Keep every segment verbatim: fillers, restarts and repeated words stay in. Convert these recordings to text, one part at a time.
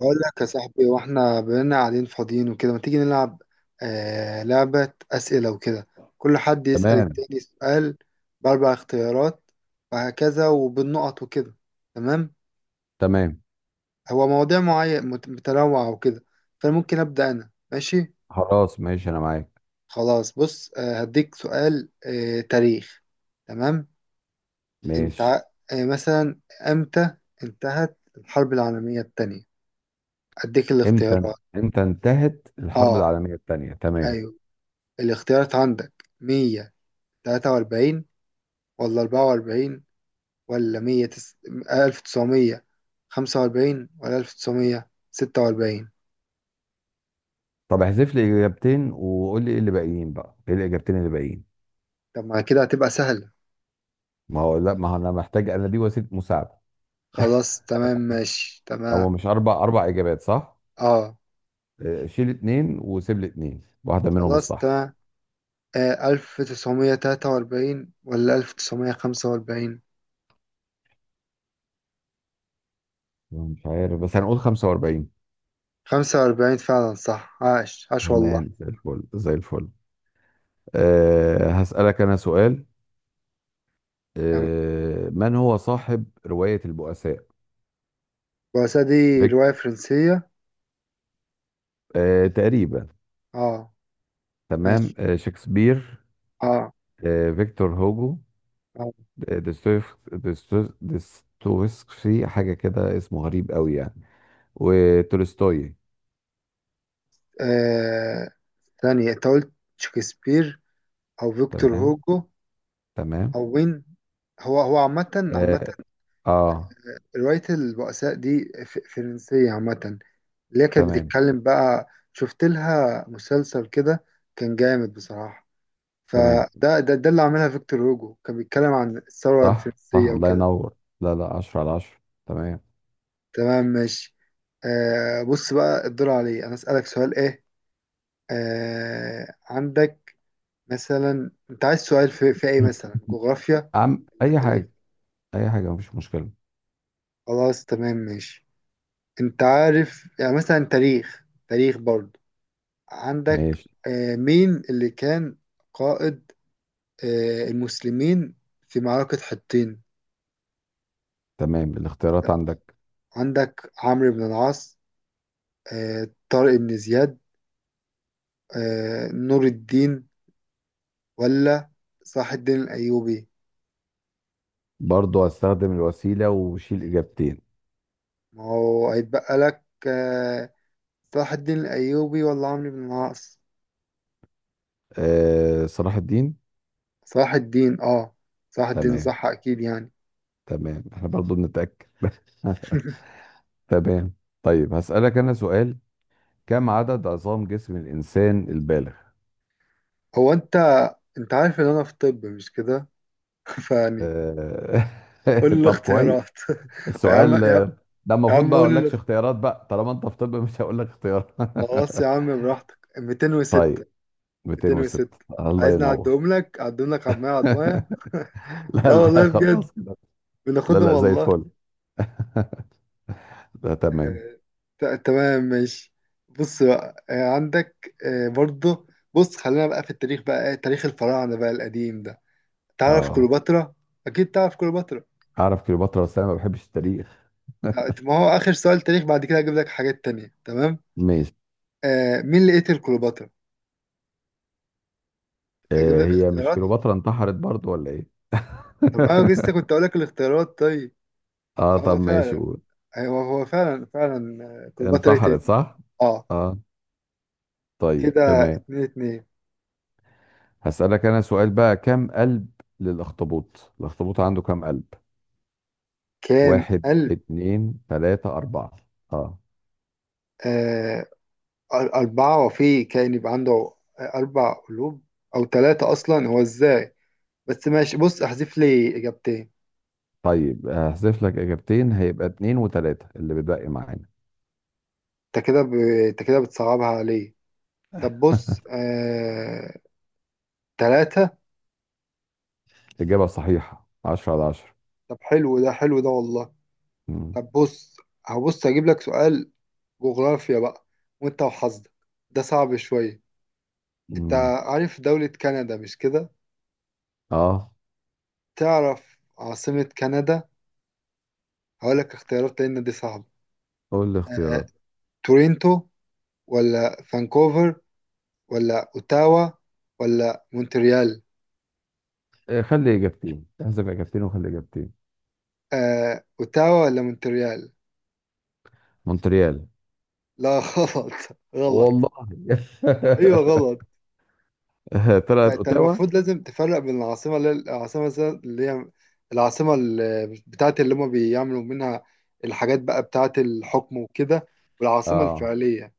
أقول لك يا صاحبي، وإحنا بقينا قاعدين فاضيين وكده، ما تيجي نلعب آه لعبة أسئلة وكده. كل حد يسأل تمام. التاني سؤال بأربع اختيارات، وهكذا وبالنقط وكده. تمام. تمام. هو مواضيع معينة مت- متنوعة وكده، فممكن أبدأ أنا. ماشي، خلاص، ماشي، انا معاك. خلاص. بص آه هديك سؤال، آه تاريخ. تمام. أنت ماشي. ع- آه مثلا، إمتى انتهت الحرب العالمية التانية؟ أديك امتى؟ الاختيارات. امتى انتهت الحرب آه العالميه الثانيه؟ تمام. أيوه، الاختيارات عندك: مية تلاتة وأربعين، ولا أربعة وأربعين، ولا مية تس... ألف تسعمية خمسة وأربعين، ولا ألف تسعمية ستة وأربعين. طب احذف لي اجابتين وقول لي ايه اللي باقيين بقى، ايه الاجابتين اللي باقيين؟ طب ما كده هتبقى سهلة. ما هو لا، ما هو انا محتاج، انا دي وسيله مساعده. خلاص، تمام ماشي. هو تمام. مش اربع اربع اجابات، صح؟ اه. آه، شيل اتنين وسيب لي اتنين، واحده منهم خلاص الصح. تمام. آه ألف تسعمية تلاتة وأربعين ولا ألف تسعمية خمسة وأربعين؟ مش عارف، بس هنقول خمسة وأربعين. خمسة وأربعين، فعلا صح. عاش عاش والله. تمام، زي الفل زي الفل. أه هسألك انا سؤال. تمام. أه من هو صاحب روايه البؤساء؟ الرؤساء دي رواية بيك. فرنسية. آه، تقريبا. اه. تمام. ماشي. آه شكسبير. اه. آه فيكتور هوجو. اه. آه، دستويف- دستو- دستويفسكي، حاجة كده اسمه غريب قوي يعني. وتولستوي. آه، ثانية، انت قلت شكسبير أو فيكتور تمام. هوجو تمام. او وين؟ هو هو عامة عامة. اه، آه. رواية البؤساء دي ف- فرنسية عامة، اللي هي كانت تمام. بتتكلم. بقى شفت لها مسلسل كده، كان جامد بصراحة. تمام، فده ده, ده اللي عملها فيكتور هوجو، كان بيتكلم عن الثورة صح صح، الفرنسية الله وكده. ينور. لا لا، عشرة على عشرة. تمام. تمام ماشي. آه بص بقى، الدور عليه أنا أسألك سؤال إيه. آه عندك مثلا، أنت عايز سؤال في, في إيه؟ مثلا جغرافيا أم ولا أي تاريخ. حاجة. أي حاجة، مفيش مشكلة. خلاص تمام ماشي. انت عارف، يعني مثلا تاريخ، تاريخ برضه. عندك ماشي. آه، مين اللي كان قائد آه، المسلمين في معركة حطين؟ تمام، الاختيارات عندك. عندك: عمرو بن العاص، آه، طارق بن زياد، آه، نور الدين، ولا صلاح الدين الأيوبي. برضو هستخدم الوسيلة وشيل إجابتين. ما هو هيتبقى لك آه، صلاح الدين الأيوبي ولا عمرو بن العاص. آه صلاح الدين. صلاح الدين، اه. صلاح الدين تمام. صح، أكيد يعني. تمام، احنا برضو بنتأكد. تمام. طيب هسألك أنا سؤال. كم عدد عظام جسم الإنسان البالغ؟ هو انت، انت عارف ان انا في طب، مش كده؟ فيعني آه، قول لي طب كويس. الاختيارات يا عم السؤال يا آه، ده يا المفروض عم بقى قول أقول لي لكش الاخت- اختيارات بقى، طالما أنت في طب مش هقول لك اختيارات. خلاص يا عم، براحتك: مئتين وستة. طيب. ميتين وستة، مئتين وستة. الله عايزني ينور. اعدهم لك؟ اعدهم لك عدمية عدمية. لا لا لا، والله بجد، خلاص كده. لا بناخدهم لا، زي والله. الفل. ده تمام. آه، ت- تمام ماشي. بص بقى آه، عندك آه، برضه. بص خلينا بقى في التاريخ بقى، آه، تاريخ الفراعنة بقى، القديم ده. تعرف اه، كليوباترا؟ أكيد تعرف كليوباترا. أعرف كليوباترا، بس أنا ما بحبش التاريخ. ما هو آخر سؤال تاريخ، بعد كده هجيب لك حاجات تانية. تمام. ماشي. آه، مين اللي قتل كليوباترا؟ أجيب آه، لك هي مش اختيارات. كليوباترا انتحرت برضو، ولا إيه؟ طب انا لسه كنت اقول لك الاختيارات، طيب. اه، طب هو ماشي، فعلا، قول. هو هو فعلا فعلا آه، كليوباترا ايه انتحرت، تاني. صح. اه. اه. طيب، كده تمام. اتنين اتنين. هسألك انا سؤال بقى، كم قلب للاخطبوط؟ الاخطبوط عنده كم قلب؟ كام واحد، قلب؟ اتنين، تلاتة، اربعة. اه. آه، أر- أربعة. وفي كائن يبقى عنده آه، أربع قلوب أو ثلاثة أصلا؟ هو إزاي؟ بس ماشي. بص احذف لي إجابتين. طيب هحذف لك اجابتين، هيبقى اتنين وتلاتة اللي بتبقي معانا. أنت كده ب... أنت كده بتصعبها عليه. طب بص آه... ثلاثة. اجابة صحيحة، عشرة على عشرة. طب حلو ده، حلو ده والله. مم. طب بص، هبص أجيب لك سؤال جغرافيا بقى، وانت وحظك. ده صعب شوية. انت مم. عارف دولة كندا، مش كده؟ اه، تعرف عاصمة كندا؟ هقولك اختيارات لان دي صعبة. قول لي آه، اختيارات. تورينتو، ولا فانكوفر، ولا اوتاوا، ولا مونتريال. آه، خلي اجابتين، احذف اجابتين وخلي اجابتين. آه، اوتاوا ولا مونتريال. مونتريال. لا غلط. غلط. والله؟ ايوه غلط. انت، طلعت انت اوتاوا. المفروض لازم تفرق بين العاصمة، اللي هي العاصمة مثلا اللي هي العاصمة اللي بتاعت، اللي هما بيعملوا منها الحاجات بقى بتاعت الحكم وكده، والعاصمة اه. الفعلية.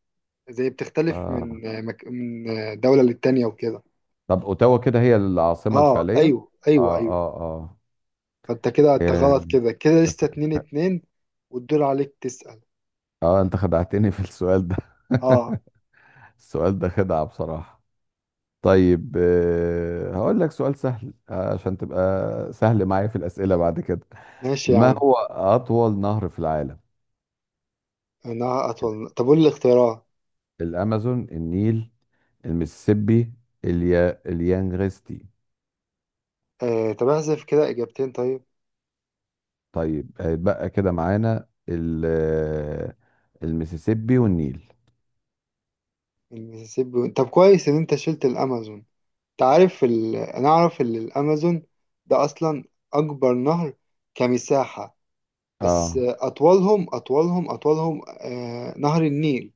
زي بتختلف من اه، مك... من دولة للتانية وكده. طب اوتاوا كده هي العاصمة اه، الفعلية. ايوه ايوه اه ايوه اه اه. فانت كده انت إيه؟ غلط. كده كده لسه اتنين اتنين. والدور عليك تسأل. اه، انت خدعتني في السؤال ده. اه السؤال ده خدعة بصراحة. طيب، آه، هقول لك سؤال سهل آه، عشان تبقى سهل معايا في الأسئلة بعد كده. ماشي يا ما عم. هو أطول نهر في العالم؟ انا اطول، طب قول لي الاختيارات. الأمازون، النيل، المسيسيبي، اليا... اليانغستي. آه طب احذف كده اجابتين طيب. طيب هيتبقى كده معانا ال... آه، المسيسيبي والنيل. المسيسيبي و- طب كويس ان انت شلت الامازون. تعرف ال... انا اعرف ان الامازون ده اصلا اكبر نهر كمساحة. بس اه، اطولهم، اطولهم اطولهم آه نهر النيل،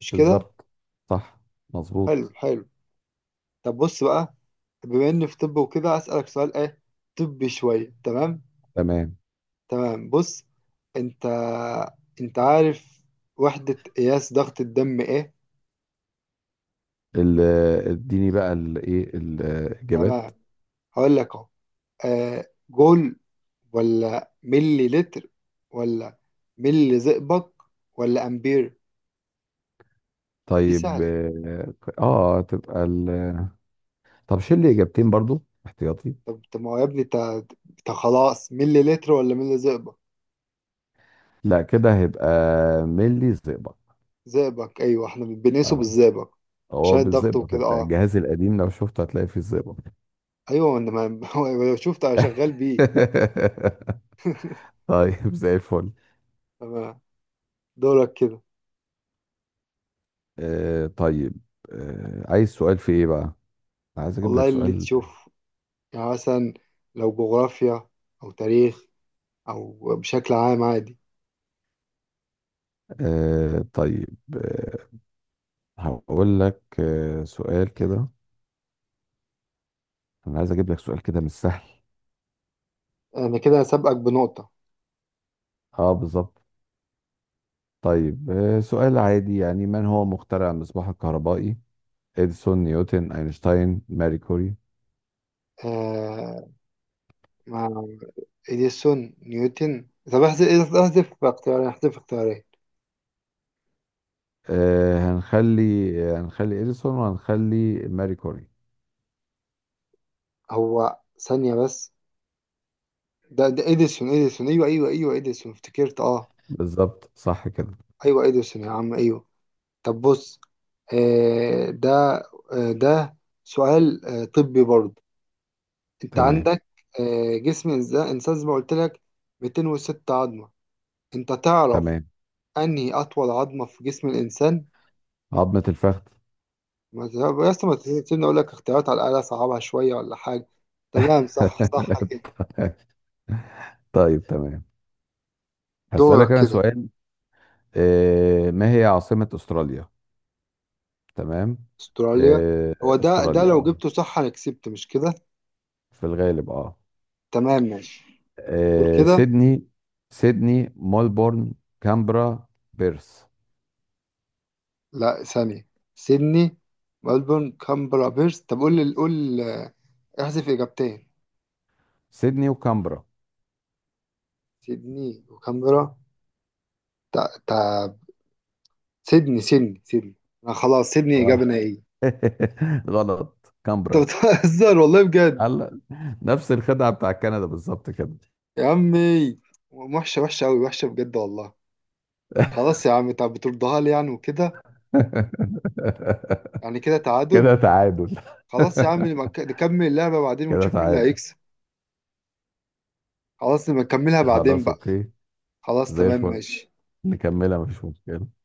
مش كده؟ بالظبط. صح. حلو مظبوط. حلو. طب بص بقى، بما اني في طب وكده، اسالك سؤال ايه؟ طبي شوية، تمام؟ تمام. تمام بص، انت انت عارف وحدة قياس ضغط الدم ايه؟ ال- اديني بقى الايه الاجابات. تمام هقول لك اهو. آه جول، ولا ملي لتر، ولا ملي زئبق، ولا امبير. دي طيب. سهل. اه. آه، تبقى ال... طب شيل لي اجابتين برضو احتياطي. طب طب ما هو يا ابني، انت انت خلاص ملي لتر ولا ملي زئبق؟ لا كده هيبقى ملي الزئبق. زئبق، ايوه احنا بنقيسه اه. بالزئبق، هو عشان الضغط بالزئبق، وكده. انت اه الجهاز القديم لو شفته هتلاقي فيه الزئبق. ايوه. انا ما شفت. انا شغال بيه. طيب، زي الفل. تمام. دورك كده. آه طيب. آه عايز سؤال في ايه بقى؟ عايز اجيب والله لك اللي سؤال. تشوف. يعني مثلا لو جغرافيا، او تاريخ، او بشكل عام عادي. آه طيب. آه هقول لك آه سؤال كده. انا عايز اجيب لك سؤال كده مش سهل. انا كده سابقك بنقطة. اه، بالظبط. طيب، آه، سؤال عادي يعني، من هو مخترع المصباح الكهربائي؟ اديسون، نيوتن، اينشتاين، ماري كوري. آه إديسون نيوتن، طب احذف احذف اختيارين احذف اختيارين. آه هنخلي، آه، هنخلي اديسون وهنخلي ماري كوري. هو ثانية بس. ده ده إديسون إديسون أيوه أيوه أيوه إديسون، افتكرت. أه بالظبط، صح كده. أيوه، إديسون يا عم، أيوه. طب بص آه ده آه ده سؤال آه طبي برضه. أنت تمام. عندك آه جسم الإنسان، إنسان زي ما قلت لك مئتين وستة عظمة. أنت تعرف تمام. أنهي أطول عظمة في جسم الإنسان؟ عظمة الفخذ. ما ت- يا اسطى، ما تسيبني أقول لك اختيارات على الأقل، أصعبها شوية ولا حاجة. تمام، صح صح كده. طيب تمام. هسألك دورك انا كده. سؤال. آه ما هي عاصمة استراليا؟ تمام. استراليا. آه، هو ده، ده استراليا. لو اه، جبته صح انا كسبت، مش كده؟ في الغالب. اه. تمام ماشي. قول آه، كده. سيدني. سيدني، ملبورن، كامبرا، بيرث. لا ثانية، سيدني ملبورن كامبرا بيرث. طب قول لي، قول آه، احذف اجابتين. سيدني وكامبرا. سيدني وكامبرا. تا تا سيدني سيدني سيدني. انا خلاص سيدني، آه. اجابة نهائية. اه، غلط. انت كامبرا. بتهزر والله بجد. هلا. نفس الخدعة بتاع كندا بالظبط كده. يا عمي، وحشة وحشة قوي، وحشة بجد والله. خلاص يا عم، طب بتردها لي يعني وكده. يعني كده كده تعادل. تعادل. خلاص يا عم، نبقى نكمل اللعبة بعدين كده ونشوف مين اللي تعادل. هيكسب. خلاص نبقى نكملها بعدين خلاص، بقى. اوكي. خلاص زي تمام الفل. ماشي. نكملها، مفيش مشكلة.